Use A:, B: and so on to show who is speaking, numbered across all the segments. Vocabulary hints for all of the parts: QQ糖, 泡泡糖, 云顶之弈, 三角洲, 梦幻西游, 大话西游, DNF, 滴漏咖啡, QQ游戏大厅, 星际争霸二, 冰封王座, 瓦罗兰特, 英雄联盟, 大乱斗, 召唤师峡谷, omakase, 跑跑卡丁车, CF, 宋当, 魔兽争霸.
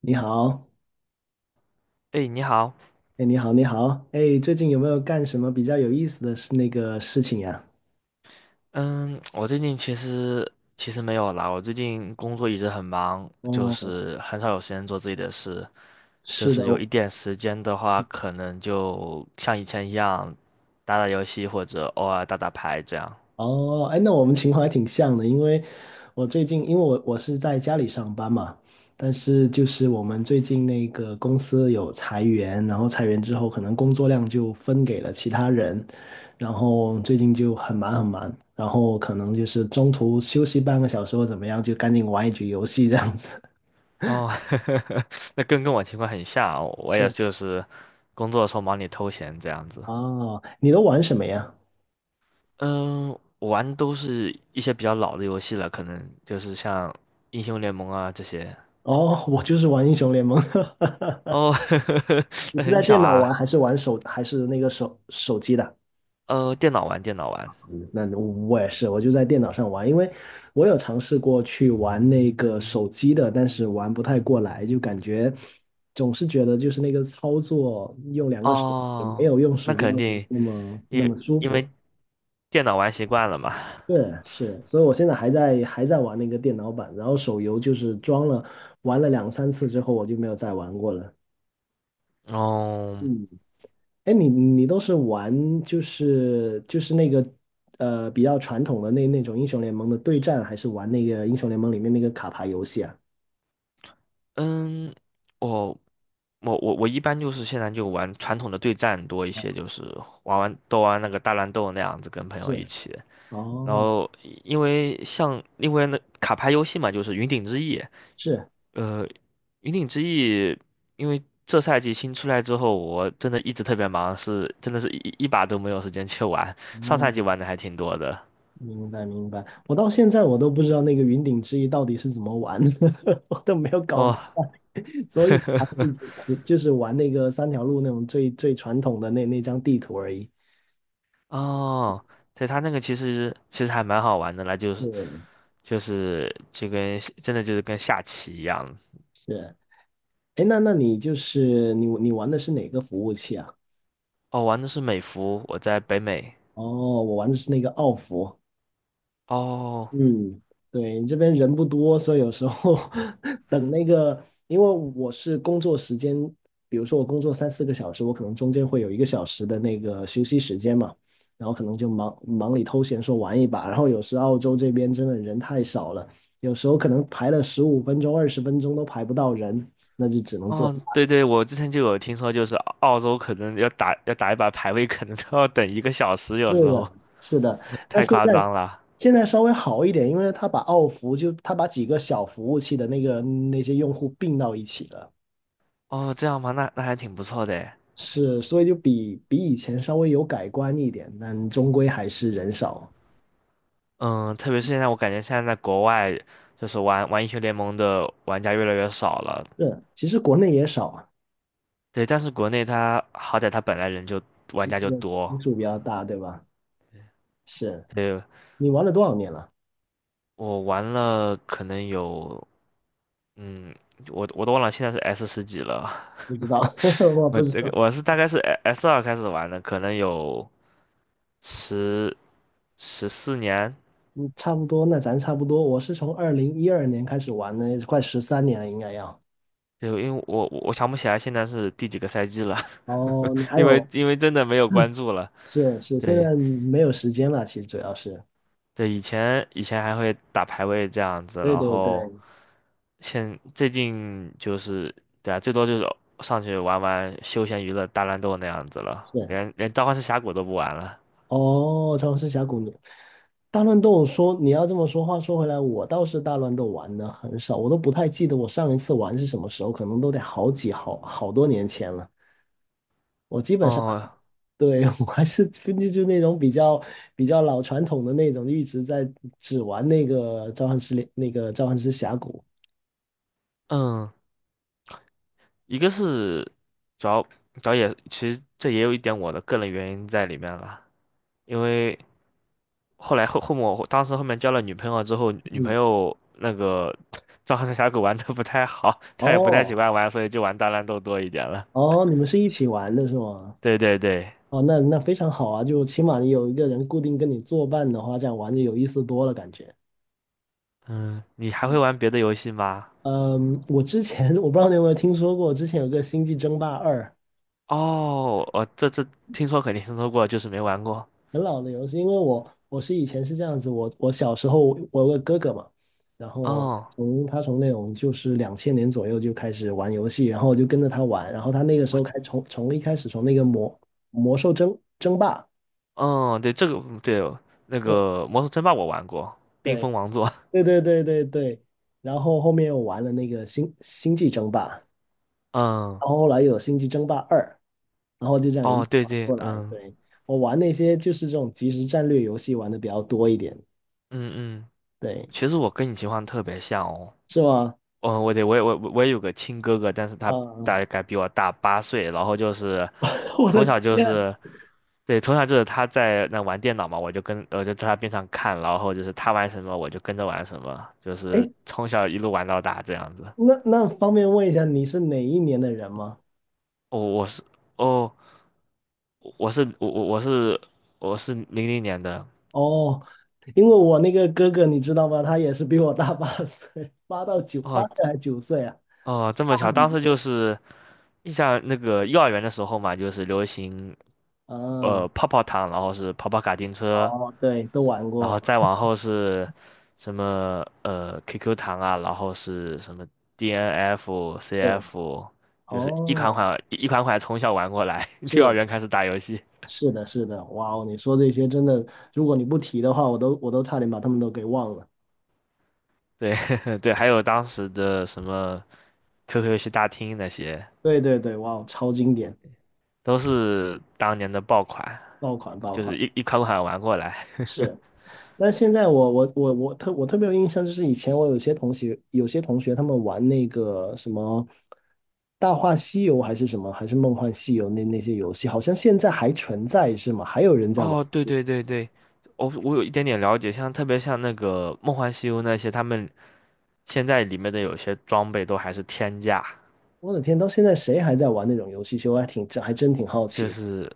A: 你好，
B: 哎，你好。
A: 哎，你好，你好，哎，最近有没有干什么比较有意思的事那个事情呀？
B: 嗯，我最近其实没有啦，我最近工作一直很忙，就
A: 哦，
B: 是很少有时间做自己的事，就
A: 是的，
B: 是有一点时间的话，可能就像以前一样，打打游戏或者偶尔打打牌这样。
A: 哦，哎，那我们情况还挺像的。因为我最近，因为我是在家里上班嘛，但是就是我们最近那个公司有裁员，然后裁员之后，可能工作量就分给了其他人，然后最近就很忙很忙，然后可能就是中途休息半个小时或怎么样，就赶紧玩一局游戏这样子。
B: 哦，那跟我情况很像，我也
A: 是，
B: 就是工作的时候忙里偷闲这样子。
A: 哦，你都玩什么呀？
B: 嗯，我玩都是一些比较老的游戏了，可能就是像英雄联盟啊这些。
A: 哦，我就是玩英雄联盟。
B: 哦，
A: 你
B: 那
A: 是
B: 很
A: 在
B: 巧
A: 电脑玩
B: 啊。
A: 还是玩手还是那个手手机的？
B: 电脑玩，电脑玩。
A: 嗯那我也是，我就在电脑上玩。因为我有尝试过去玩那个手机的，但是玩不太过来，就感觉总是觉得就是那个操作用两个手指没
B: 哦，
A: 有用
B: 那
A: 鼠标
B: 肯
A: 来
B: 定，
A: 那么那
B: 因
A: 么舒
B: 因
A: 服。
B: 为电脑玩习惯了嘛。
A: 是是，所以我现在还在玩那个电脑版，然后手游就是装了玩了两三次之后，我就没有再玩过了。
B: 哦，
A: 嗯。哎，你都是玩就是比较传统的那种英雄联盟的对战，还是玩那个英雄联盟里面那个卡牌游戏啊？
B: 嗯，我我一般就是现在就玩传统的对战多一些，就是都玩那个大乱斗那样子，跟朋友一
A: 是，
B: 起。然
A: 哦，
B: 后因为那卡牌游戏嘛，就是云顶之弈，
A: 是，
B: 呃，云顶之弈，因为这赛季新出来之后，我真的一直特别忙，是真的是一把都没有时间去玩。上赛季
A: 哦，
B: 玩的还挺多的。
A: 明白明白。我到现在我都不知道那个云顶之弈到底是怎么玩的，我都没有搞
B: 哦，
A: 明白。所以才 是只就是玩那个三条路那种最传统的那张地图而已。
B: 哦，对，他那个其实还蛮好玩的啦，就
A: 是
B: 是就是就跟真的就是跟下棋一样。
A: 是，哎，那你就是你玩的是哪个服务器啊？
B: 哦，玩的是美服，我在北美。
A: 哦，我玩的是那个奥服，
B: 哦。
A: 嗯，对，这边人不多，所以有时候 等那个，因为我是工作时间，比如说我工作三四个小时，我可能中间会有1个小时的那个休息时间嘛，然后可能就忙里偷闲说玩一把，然后有时澳洲这边真的人太少了，有时候可能排了15分钟、20分钟都排不到人，那就只能做。
B: 哦，对对，我之前就有听说，就是澳洲可能要打一把排位，可能都要等一个小时，有
A: 是
B: 时候
A: 的，是的。那
B: 太
A: 现
B: 夸
A: 在
B: 张了。
A: 现在稍微好一点，因为他把几个小服务器的那些用户并到一起了，
B: 哦，这样吗？那那还挺不错的诶。
A: 是，所以就比以前稍微有改观一点，但终归还是人少。
B: 嗯，特别是现在，我感觉现在在国外，就是玩英雄联盟的玩家越来越少了。
A: 是，其实国内也少啊，
B: 对，但是国内它好歹它本来玩
A: 其
B: 家就
A: 实基
B: 多。
A: 数比较大，对吧？是
B: 对，
A: 你玩了多少年了？
B: 我玩了可能有，嗯，我都忘了现在是 S 十几了。
A: 不知道，我
B: 我
A: 不知
B: 这个
A: 道。
B: 我是大概是 S 二开始玩的，可能有十十四年。
A: 嗯，差不多，那咱差不多。我是从2012年开始玩的，快13年了，应该要。
B: 对，因为我想不起来现在是第几个赛季了，
A: 哦，你 还
B: 因为
A: 有
B: 因为真的没有关注了。
A: 是是，现
B: 对。
A: 在没有时间了，其实主要是，
B: 对，以前还会打排位这样子，
A: 对
B: 然
A: 对
B: 后
A: 对，
B: 现最近就是对啊，最多就是上去玩玩休闲娱乐大乱斗那样子了，
A: 是。
B: 连召唤师峡谷都不玩了。
A: 哦，《召唤师峡谷》你大乱斗说你要这么说，话说回来，我倒是大乱斗玩的很少，我都不太记得我上一次玩是什么时候，可能都得好几好好多年前了。我基本上
B: 哦，
A: 对 我还是就那种比较老传统的那种，一直在只玩那个召唤师峡谷。
B: 嗯，一个是主要，也其实这也有一点我的个人原因在里面了，因为后来后后面我当时后面交了女朋友之后，女朋
A: 嗯，
B: 友那个召唤师峡谷玩的不太好，她也不太喜
A: 哦
B: 欢玩，所以就玩大乱斗多一点了。
A: 哦，你们是一起玩的是吗？
B: 对对对。
A: 哦，那那非常好啊，就起码你有一个人固定跟你作伴的话，这样玩就有意思多了，感觉。
B: 嗯，你还会
A: 嗯，
B: 玩别的游戏吗？
A: 嗯，我之前 我不知道你有没有听说过，之前有个《星际争霸二》，
B: 哦，我这这听说肯定听说过，就是没玩过。
A: 很老的游戏。因为我是以前是这样子，我小时候我有个哥哥嘛，然后
B: 哦，
A: 从那种就是2000年左右就开始玩游戏，然后我就跟着他玩，然后他那个时
B: 我
A: 候开从从一开始从那个魔兽争霸。
B: 哦，对这个那个《魔兽争霸》我玩过，《冰
A: 对
B: 封王座》。
A: 对对对对对，然后后面又玩了那个星际争霸，然
B: 嗯，
A: 后后来又有星际争霸二，然后就这样一
B: 哦，
A: 路
B: 对
A: 玩
B: 对，
A: 过来。对，我玩那些就是这种即时战略游戏玩的比较多一点，
B: 嗯嗯，
A: 对，
B: 其实我跟你情况特别像哦。
A: 是吗？
B: 嗯，我也我我也有个亲哥哥，但是
A: 啊、
B: 他 大概比我大八岁，然后就是
A: 我的
B: 从小就
A: 天，
B: 是，对，从小就是他在那玩电脑嘛，跟我就在他边上看，然后就是他玩什么我就跟着玩什么，就是
A: 哎，
B: 从小一路玩到大这样子。
A: 那方便问一下你是哪一年的人吗？
B: 哦，我是哦，我是我我我是我是零零年的。
A: 哦，因为我那个哥哥你知道吗？他也是比我大八岁，8到9，八
B: 哦。
A: 岁还是9岁啊？
B: 哦，这
A: 大
B: 么巧，
A: 很
B: 当时
A: 多
B: 就是印象那个幼儿园的时候嘛，就是流行
A: 啊，
B: 泡泡糖，然后是跑跑卡丁车。
A: 哦，对，都玩
B: 然后
A: 过。
B: 再往后是什么QQ 糖啊，然后是什么 DNF、
A: 对。
B: CF,就是
A: 哦，
B: 一款款从小玩过来，幼儿
A: 是
B: 园开始打游戏。
A: 是的，是的，哇哦，你说这些真的，如果你不提的话，我都差点把他们都给忘了。
B: 对 对，还有当时的什么 QQ 游戏大厅那些，
A: 对对对，哇哦，超经典，
B: 都是当年的爆款，
A: 爆款爆
B: 就
A: 款。
B: 是一一款款玩过来。
A: 是，那现在我特别有印象，就是以前我有些同学他们玩那个什么《大话西游》还是《梦幻西游》那些游戏，好像现在还存在是吗？还有人在玩？
B: 哦，对对对对，我我有一点点了解，像特别像那个《梦幻西游》那些，他们现在里面的有些装备都还是天价。
A: 我的天，到现在谁还在玩那种游戏？其实我还挺还真挺好
B: 就
A: 奇的
B: 是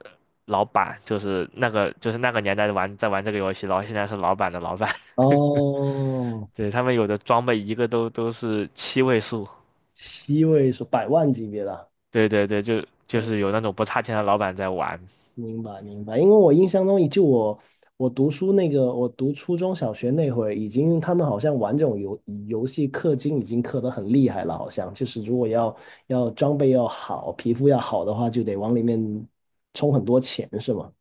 B: 老板，就是那个年代玩这个游戏，然后现在是老板的老板，
A: 哦，
B: 对，他们有的装备一个都是七位数，
A: 7位数，百万级别的啊。
B: 对对对，就
A: 嗯，
B: 是有那种不差钱的老板在玩，
A: 明白明白。因为我印象中，就我我读书那个，我读初中小学那会儿，已经他们好像玩这种游戏氪金已经氪得很厉害了，好像就是如果要装备要好，皮肤要好的话，就得往里面充很多钱，是吗？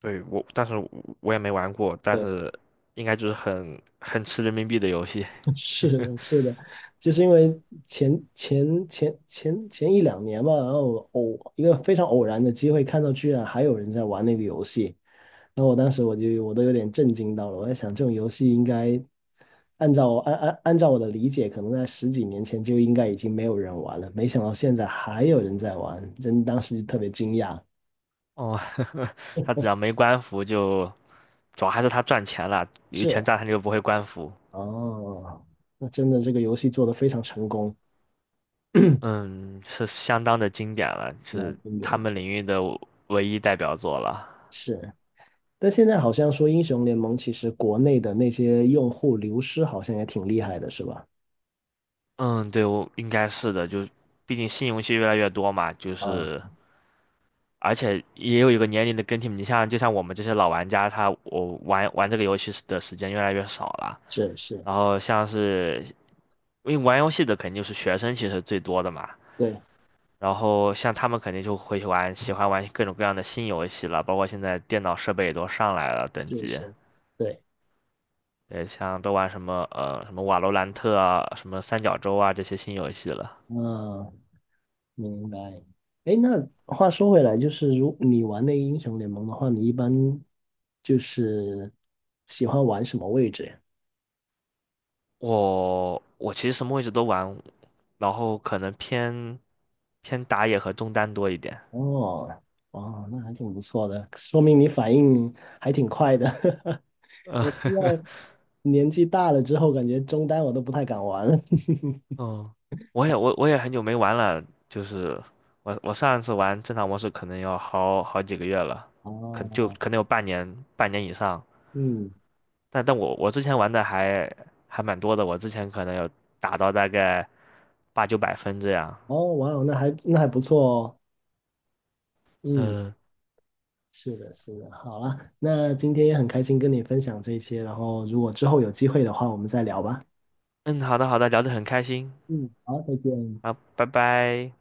B: 对我，但是我我也没玩过，但
A: 对
B: 是应该就是很吃人民币的游戏，
A: 是的，是的，就是因为前一两年吧，然后一个非常偶然的机会看到，居然还有人在玩那个游戏，然后我当时我就我都有点震惊到了，我在想这种游戏应该按照我的理解，可能在十几年前就应该已经没有人玩了，没想到现在还有人在玩，真当时就特别惊讶。
B: 哦，他只要没官服就。主要还是他赚钱了，有钱
A: 是，
B: 赚他就不会官服。
A: 哦，那真的这个游戏做得非常成功，
B: 嗯，是相当的经典了，
A: 蛮
B: 是
A: 经典
B: 他们
A: 的，
B: 领域的唯一代表作了。
A: 是。但现在好像说英雄联盟其实国内的那些用户流失好像也挺厉害的，是吧？
B: 嗯，对，我应该是的，就毕竟新游戏越来越多嘛，
A: 啊，
B: 而且也有一个年龄的更替，你像就像我们这些老玩家，我玩这个游戏的时间越来越少了，
A: 是是，
B: 然后因为玩游戏的肯定就是学生其实最多的嘛，
A: 对，
B: 然后像他们肯定就会喜欢玩各种各样的新游戏了，包括现在电脑设备也都上来了等
A: 是
B: 级，
A: 是，对，
B: 对，像都玩什么瓦罗兰特啊，什么三角洲啊这些新游戏了。
A: 嗯，明白。哎，那话说回来，就是如你玩那个英雄联盟的话，你一般就是喜欢玩什么位置呀？
B: 我其实什么位置都玩，然后可能偏打野和中单多一点。
A: 哦，哦，那还挺不错的，说明你反应还挺快的。
B: 嗯，
A: 我现 在年纪大了之后，感觉中单我都不太敢玩了。
B: 哦，我也也很久没玩了，就是我上一次玩正常模式可能要好几个月了，就
A: 哦，
B: 可能有半年，半年以上。
A: 嗯，
B: 但我之前玩的还蛮多的，我之前可能有打到大概八九百分这样。
A: 哦，哇哦，那还不错哦。嗯，
B: 嗯
A: 是的，是的，好了，那今天也很开心跟你分享这些，然后如果之后有机会的话，我们再聊吧。
B: 嗯，好的好的，聊得很开心
A: 嗯，好，再见。
B: 啊，拜拜。